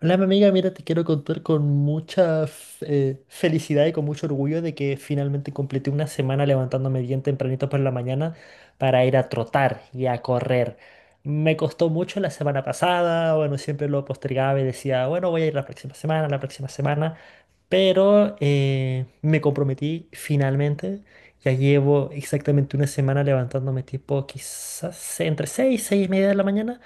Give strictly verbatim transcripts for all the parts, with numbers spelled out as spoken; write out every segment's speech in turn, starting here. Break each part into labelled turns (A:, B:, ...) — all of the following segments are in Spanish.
A: Hola, mi amiga, mira, te quiero contar con mucha f- eh, felicidad y con mucho orgullo de que finalmente completé una semana levantándome bien tempranito por la mañana para ir a trotar y a correr. Me costó mucho la semana pasada, bueno, siempre lo postergaba y decía, bueno, voy a ir la próxima semana, la próxima semana, pero eh, me comprometí finalmente. Ya llevo exactamente una semana levantándome tipo quizás entre seis, seis y media de la mañana.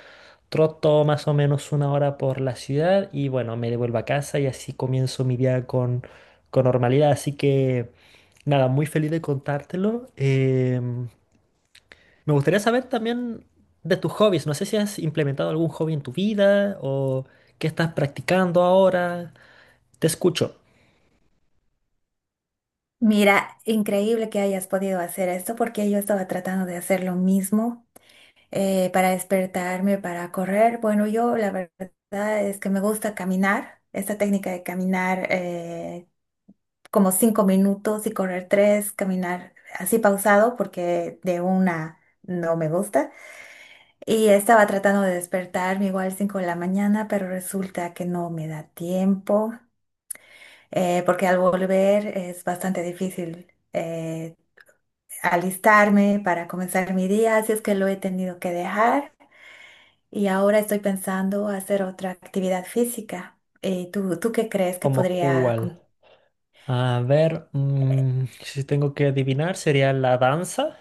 A: Troto más o menos una hora por la ciudad y bueno, me devuelvo a casa y así comienzo mi día con, con normalidad. Así que nada, muy feliz de contártelo. Em, me gustaría saber también de tus hobbies. No sé si has implementado algún hobby en tu vida o qué estás practicando ahora. Te escucho.
B: Mira, increíble que hayas podido hacer esto porque yo estaba tratando de hacer lo mismo eh, para despertarme, para correr. Bueno, yo la verdad es que me gusta caminar, esta técnica de caminar eh, como cinco minutos y correr tres, caminar así pausado porque de una no me gusta. Y estaba tratando de despertarme igual cinco de la mañana, pero resulta que no me da tiempo eh, porque al volver es bastante difícil. Eh, alistarme para comenzar mi día, así es que lo he tenido que dejar y ahora estoy pensando hacer otra actividad física. Eh, ¿tú, tú qué crees que
A: ¿Como
B: podría...
A: cuál?
B: con-
A: A ver, mm, si tengo que adivinar, sería la danza.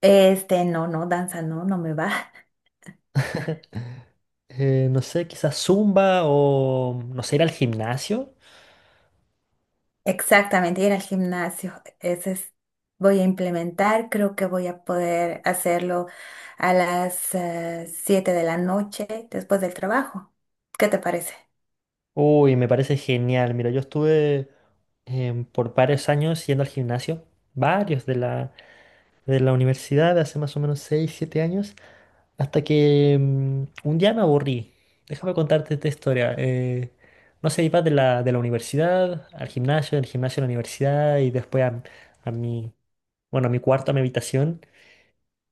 B: Este, no, no, danza no, no me va.
A: Eh, no sé, quizás zumba o no sé, ir al gimnasio.
B: Exactamente, ir al gimnasio. Ese es, voy a implementar, creo que voy a poder hacerlo a las eh, siete de la noche después del trabajo. ¿Qué te parece?
A: Uy, me parece genial. Mira, yo estuve em, por varios años yendo al gimnasio, varios de la, de la, universidad, hace más o menos seis siete años, hasta que mm, un día me aburrí. Déjame contarte esta historia. Eh, no sé, iba de la, de la, universidad al gimnasio, del gimnasio a la universidad y después a, a mi, bueno, a mi cuarto, a mi habitación.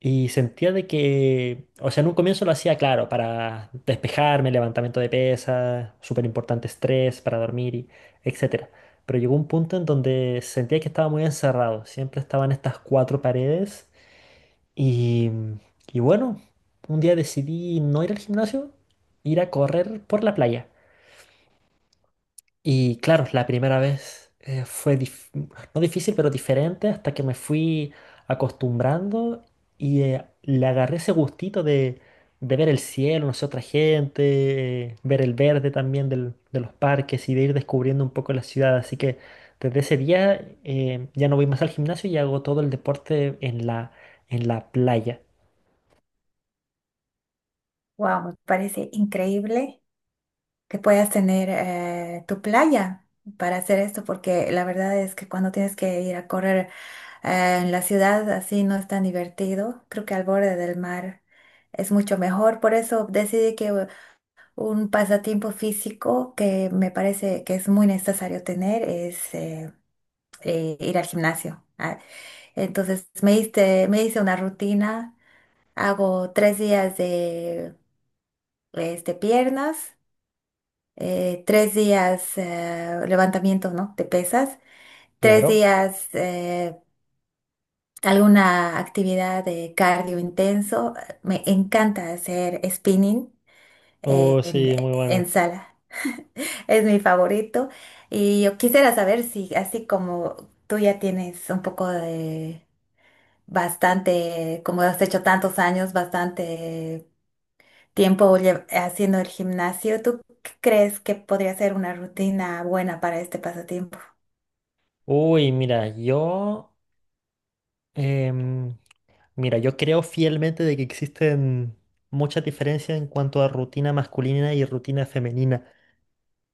A: Y sentía de que, o sea, en un comienzo lo hacía claro, para despejarme, levantamiento de pesas, súper importante estrés, para dormir, y etcétera. Pero llegó un punto en donde sentía que estaba muy encerrado, siempre estaba en estas cuatro paredes. Y, y bueno, un día decidí no ir al gimnasio, ir a correr por la playa. Y claro, la primera vez eh, fue dif- no difícil, pero diferente hasta que me fui acostumbrando y eh, le agarré ese gustito de, de ver el cielo, no sé, otra gente, eh, ver el verde también del- de los parques y de ir descubriendo un poco la ciudad. Así que desde ese día eh, ya no voy más al gimnasio y hago todo el deporte en la, en la, playa.
B: Wow, me parece increíble que puedas tener eh, tu playa para hacer esto, porque la verdad es que cuando tienes que ir a correr eh, en la ciudad así no es tan divertido. Creo que al borde del mar es mucho mejor. Por eso decidí que u- un pasatiempo físico que me parece que es muy necesario tener es eh, eh, ir al gimnasio. Ah, entonces me hice, me hice una rutina, hago tres días de este, piernas. Eh, tres días eh, levantamiento, ¿no? de pesas, tres
A: Claro.
B: días eh, alguna actividad de cardio intenso. Me encanta hacer spinning eh,
A: Oh,
B: en,
A: sí, muy bueno.
B: en sala, es mi favorito. Y yo quisiera saber si, así como tú ya tienes un poco de bastante, como has hecho tantos años, bastante tiempo lle- haciendo el gimnasio, ¿tú crees que podría ser una rutina buena para este pasatiempo?
A: Uy, mira, yo... em, Mira, yo creo fielmente de que existen muchas diferencias en cuanto a rutina masculina y rutina femenina.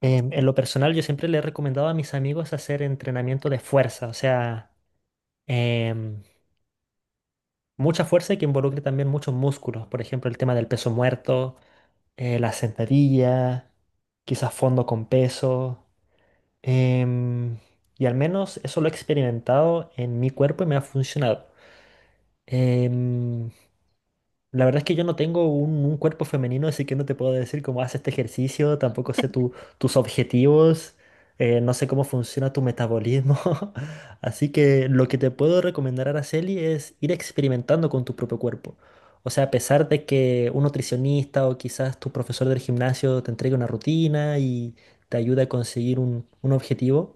A: Em, en lo personal, yo siempre le he recomendado a mis amigos hacer entrenamiento de fuerza, o sea, em, mucha fuerza y que involucre también muchos músculos. Por ejemplo, el tema del peso muerto, eh, la sentadilla, quizás fondo con peso. em, y al menos eso lo he experimentado en mi cuerpo y me ha funcionado. Em, La verdad es que yo no tengo un, un, cuerpo femenino, así que no te puedo decir cómo haces este ejercicio, tampoco sé tu- tus objetivos, eh, no sé cómo funciona tu metabolismo. Así que lo que te puedo recomendar, Araceli, es ir experimentando con tu propio cuerpo. O sea, a pesar de que un nutricionista o quizás tu profesor del gimnasio te entregue una rutina y te ayude a conseguir un, un, objetivo,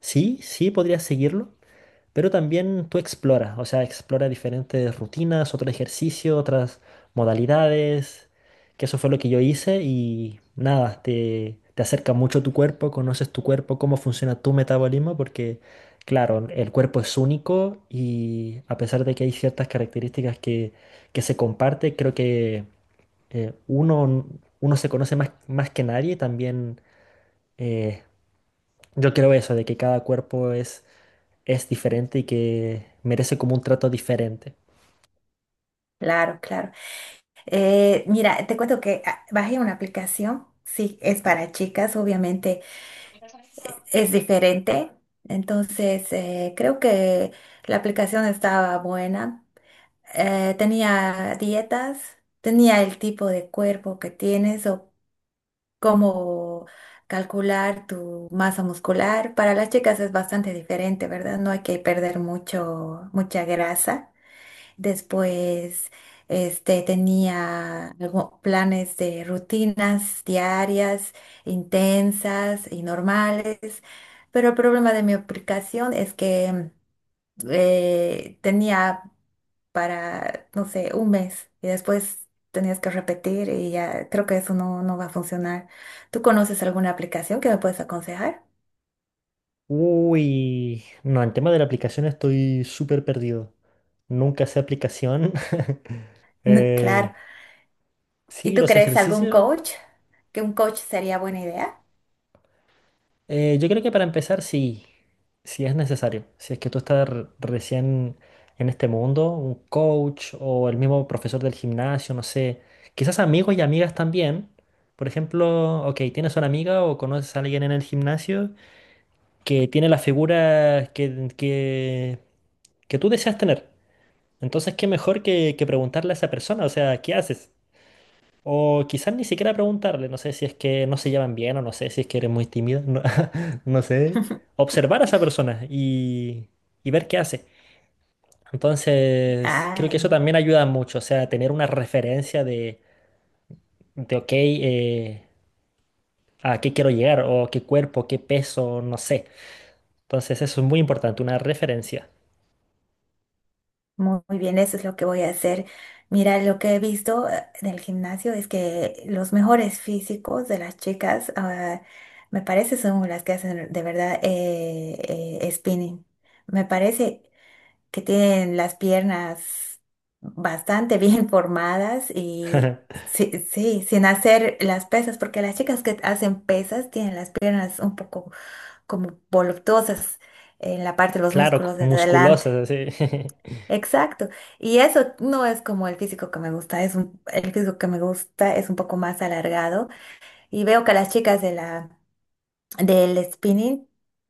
A: sí, sí podrías seguirlo, pero también tú exploras, o sea, exploras diferentes rutinas, otros ejercicios, otras modalidades, que eso fue lo que yo hice y nada, te, te, acerca mucho tu cuerpo, conoces tu cuerpo, cómo funciona tu metabolismo, porque claro, el cuerpo es único y a pesar de que hay ciertas características que, que, se comparte, creo que eh, uno, uno se conoce más, más que nadie, también eh, yo creo eso, de que cada cuerpo es es diferente y que merece como un trato diferente.
B: Claro, claro. Eh, mira, te cuento que ah, bajé una aplicación, sí, es para chicas, obviamente es diferente. Entonces, eh, creo que la aplicación estaba buena. Eh, tenía dietas, tenía el tipo de cuerpo que tienes o cómo calcular tu masa muscular. Para las chicas es bastante diferente, ¿verdad? No hay que perder mucho, mucha grasa. Después, este, tenía algo- planes de rutinas diarias, intensas y normales, pero el problema de mi aplicación es que eh, tenía para, no sé, un mes y después tenías que repetir y ya creo que eso no, no va a funcionar. ¿Tú conoces alguna aplicación que me puedes aconsejar?
A: Uy, no, en tema de la aplicación estoy súper perdido. Nunca sé aplicación. Eh,
B: Claro. ¿Y
A: sí,
B: tú
A: los
B: crees algún
A: ejercicios.
B: coach? ¿Que un coach sería buena idea?
A: eh, yo creo que para empezar, sí, sí es necesario. Si es que tú estás re- recién en este mundo, un coach o el mismo profesor del gimnasio, no sé. Quizás amigos y amigas también. Por ejemplo, ok, tienes una amiga o conoces a alguien en el gimnasio que tiene las figuras que, que, que, tú deseas tener. Entonces, qué mejor que, que preguntarle a esa persona, o sea, ¿qué haces? O quizás ni siquiera preguntarle, no sé si es que no se llevan bien o no sé si es que eres muy tímida, no, no sé. Observar a esa persona y, y, ver qué hace. Entonces, creo que eso
B: Ay.
A: también ayuda mucho, o sea, tener una referencia de, de ok, eh, a qué quiero llegar o qué cuerpo, qué peso, no sé. Entonces, eso es muy importante, una referencia.
B: Muy muy bien, eso es lo que voy a hacer. Mira, lo que he visto eh, en el gimnasio es que los mejores físicos de las chicas, ah, me parece, son las que hacen de verdad eh, eh, spinning. Me parece que tienen las piernas bastante bien formadas y sí, sí, sin hacer las pesas, porque las chicas que hacen pesas tienen las piernas un poco como voluptuosas en la parte de los
A: Claro,
B: músculos de adelante.
A: musculosas, así.
B: Exacto. Y eso no es como el físico que me gusta, es un, el físico que me gusta es un poco más alargado y veo que a las chicas de la del spinning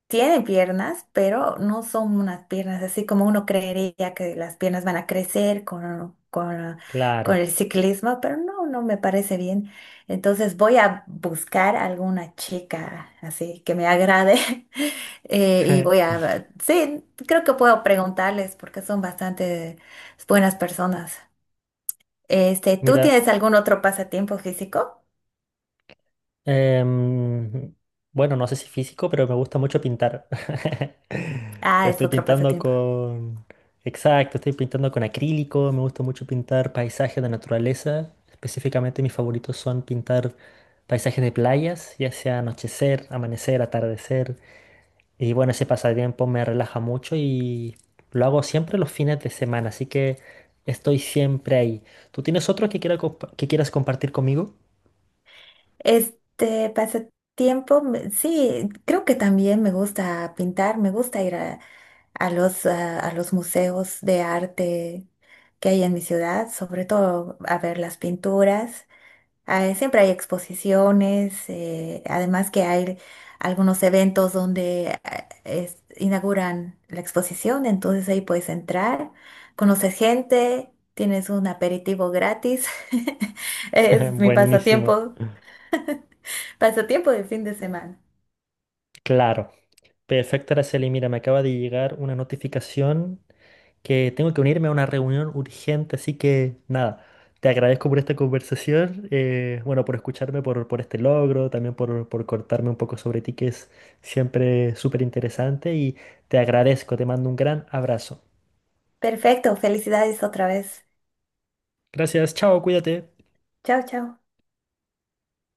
B: tiene piernas, pero no son unas piernas así como uno creería que las piernas van a crecer con, con, con
A: Claro.
B: el ciclismo, pero no, no me parece bien. Entonces voy a buscar alguna chica así que me agrade eh, y voy a, sí, creo que puedo preguntarles porque son bastante buenas personas. Este, ¿tú
A: Mira,
B: tienes algún otro pasatiempo físico?
A: em, bueno, no sé si físico, pero me gusta mucho pintar.
B: Ah,
A: Pero
B: es
A: estoy
B: otro
A: pintando
B: pasatiempo.
A: con... Exacto, estoy pintando con acrílico, me gusta mucho pintar paisajes de naturaleza. Específicamente mis favoritos son pintar paisajes de playas, ya sea anochecer, amanecer, atardecer. Y bueno, ese pasatiempo me relaja mucho y lo hago siempre los fines de semana, así que estoy siempre ahí. ¿Tú tienes otro que, quiera compa- que quieras compartir conmigo?
B: Este pasatiempo, me- sí, creo que también me gusta pintar, me gusta ir a, a los, ah, a los museos de arte que hay en mi ciudad, sobre todo a ver las pinturas. Ah, siempre hay exposiciones, eh, además que hay algunos eventos donde ah, es- inauguran la exposición, entonces ahí puedes entrar, conoces gente, tienes un aperitivo gratis. Es mi
A: Buenísimo.
B: pasatiempo. Pasatiempo de fin de semana.
A: Claro. Perfecto, Araceli. Mira, me acaba de llegar una notificación que tengo que unirme a una reunión urgente, así que nada, te agradezco por esta conversación, eh, bueno, por escucharme, por, por este logro, también por, por cortarme un poco sobre ti, que es siempre súper interesante, y te agradezco, te mando un gran abrazo.
B: Perfecto, felicidades otra vez.
A: Gracias, chao, cuídate.
B: Chao, chao.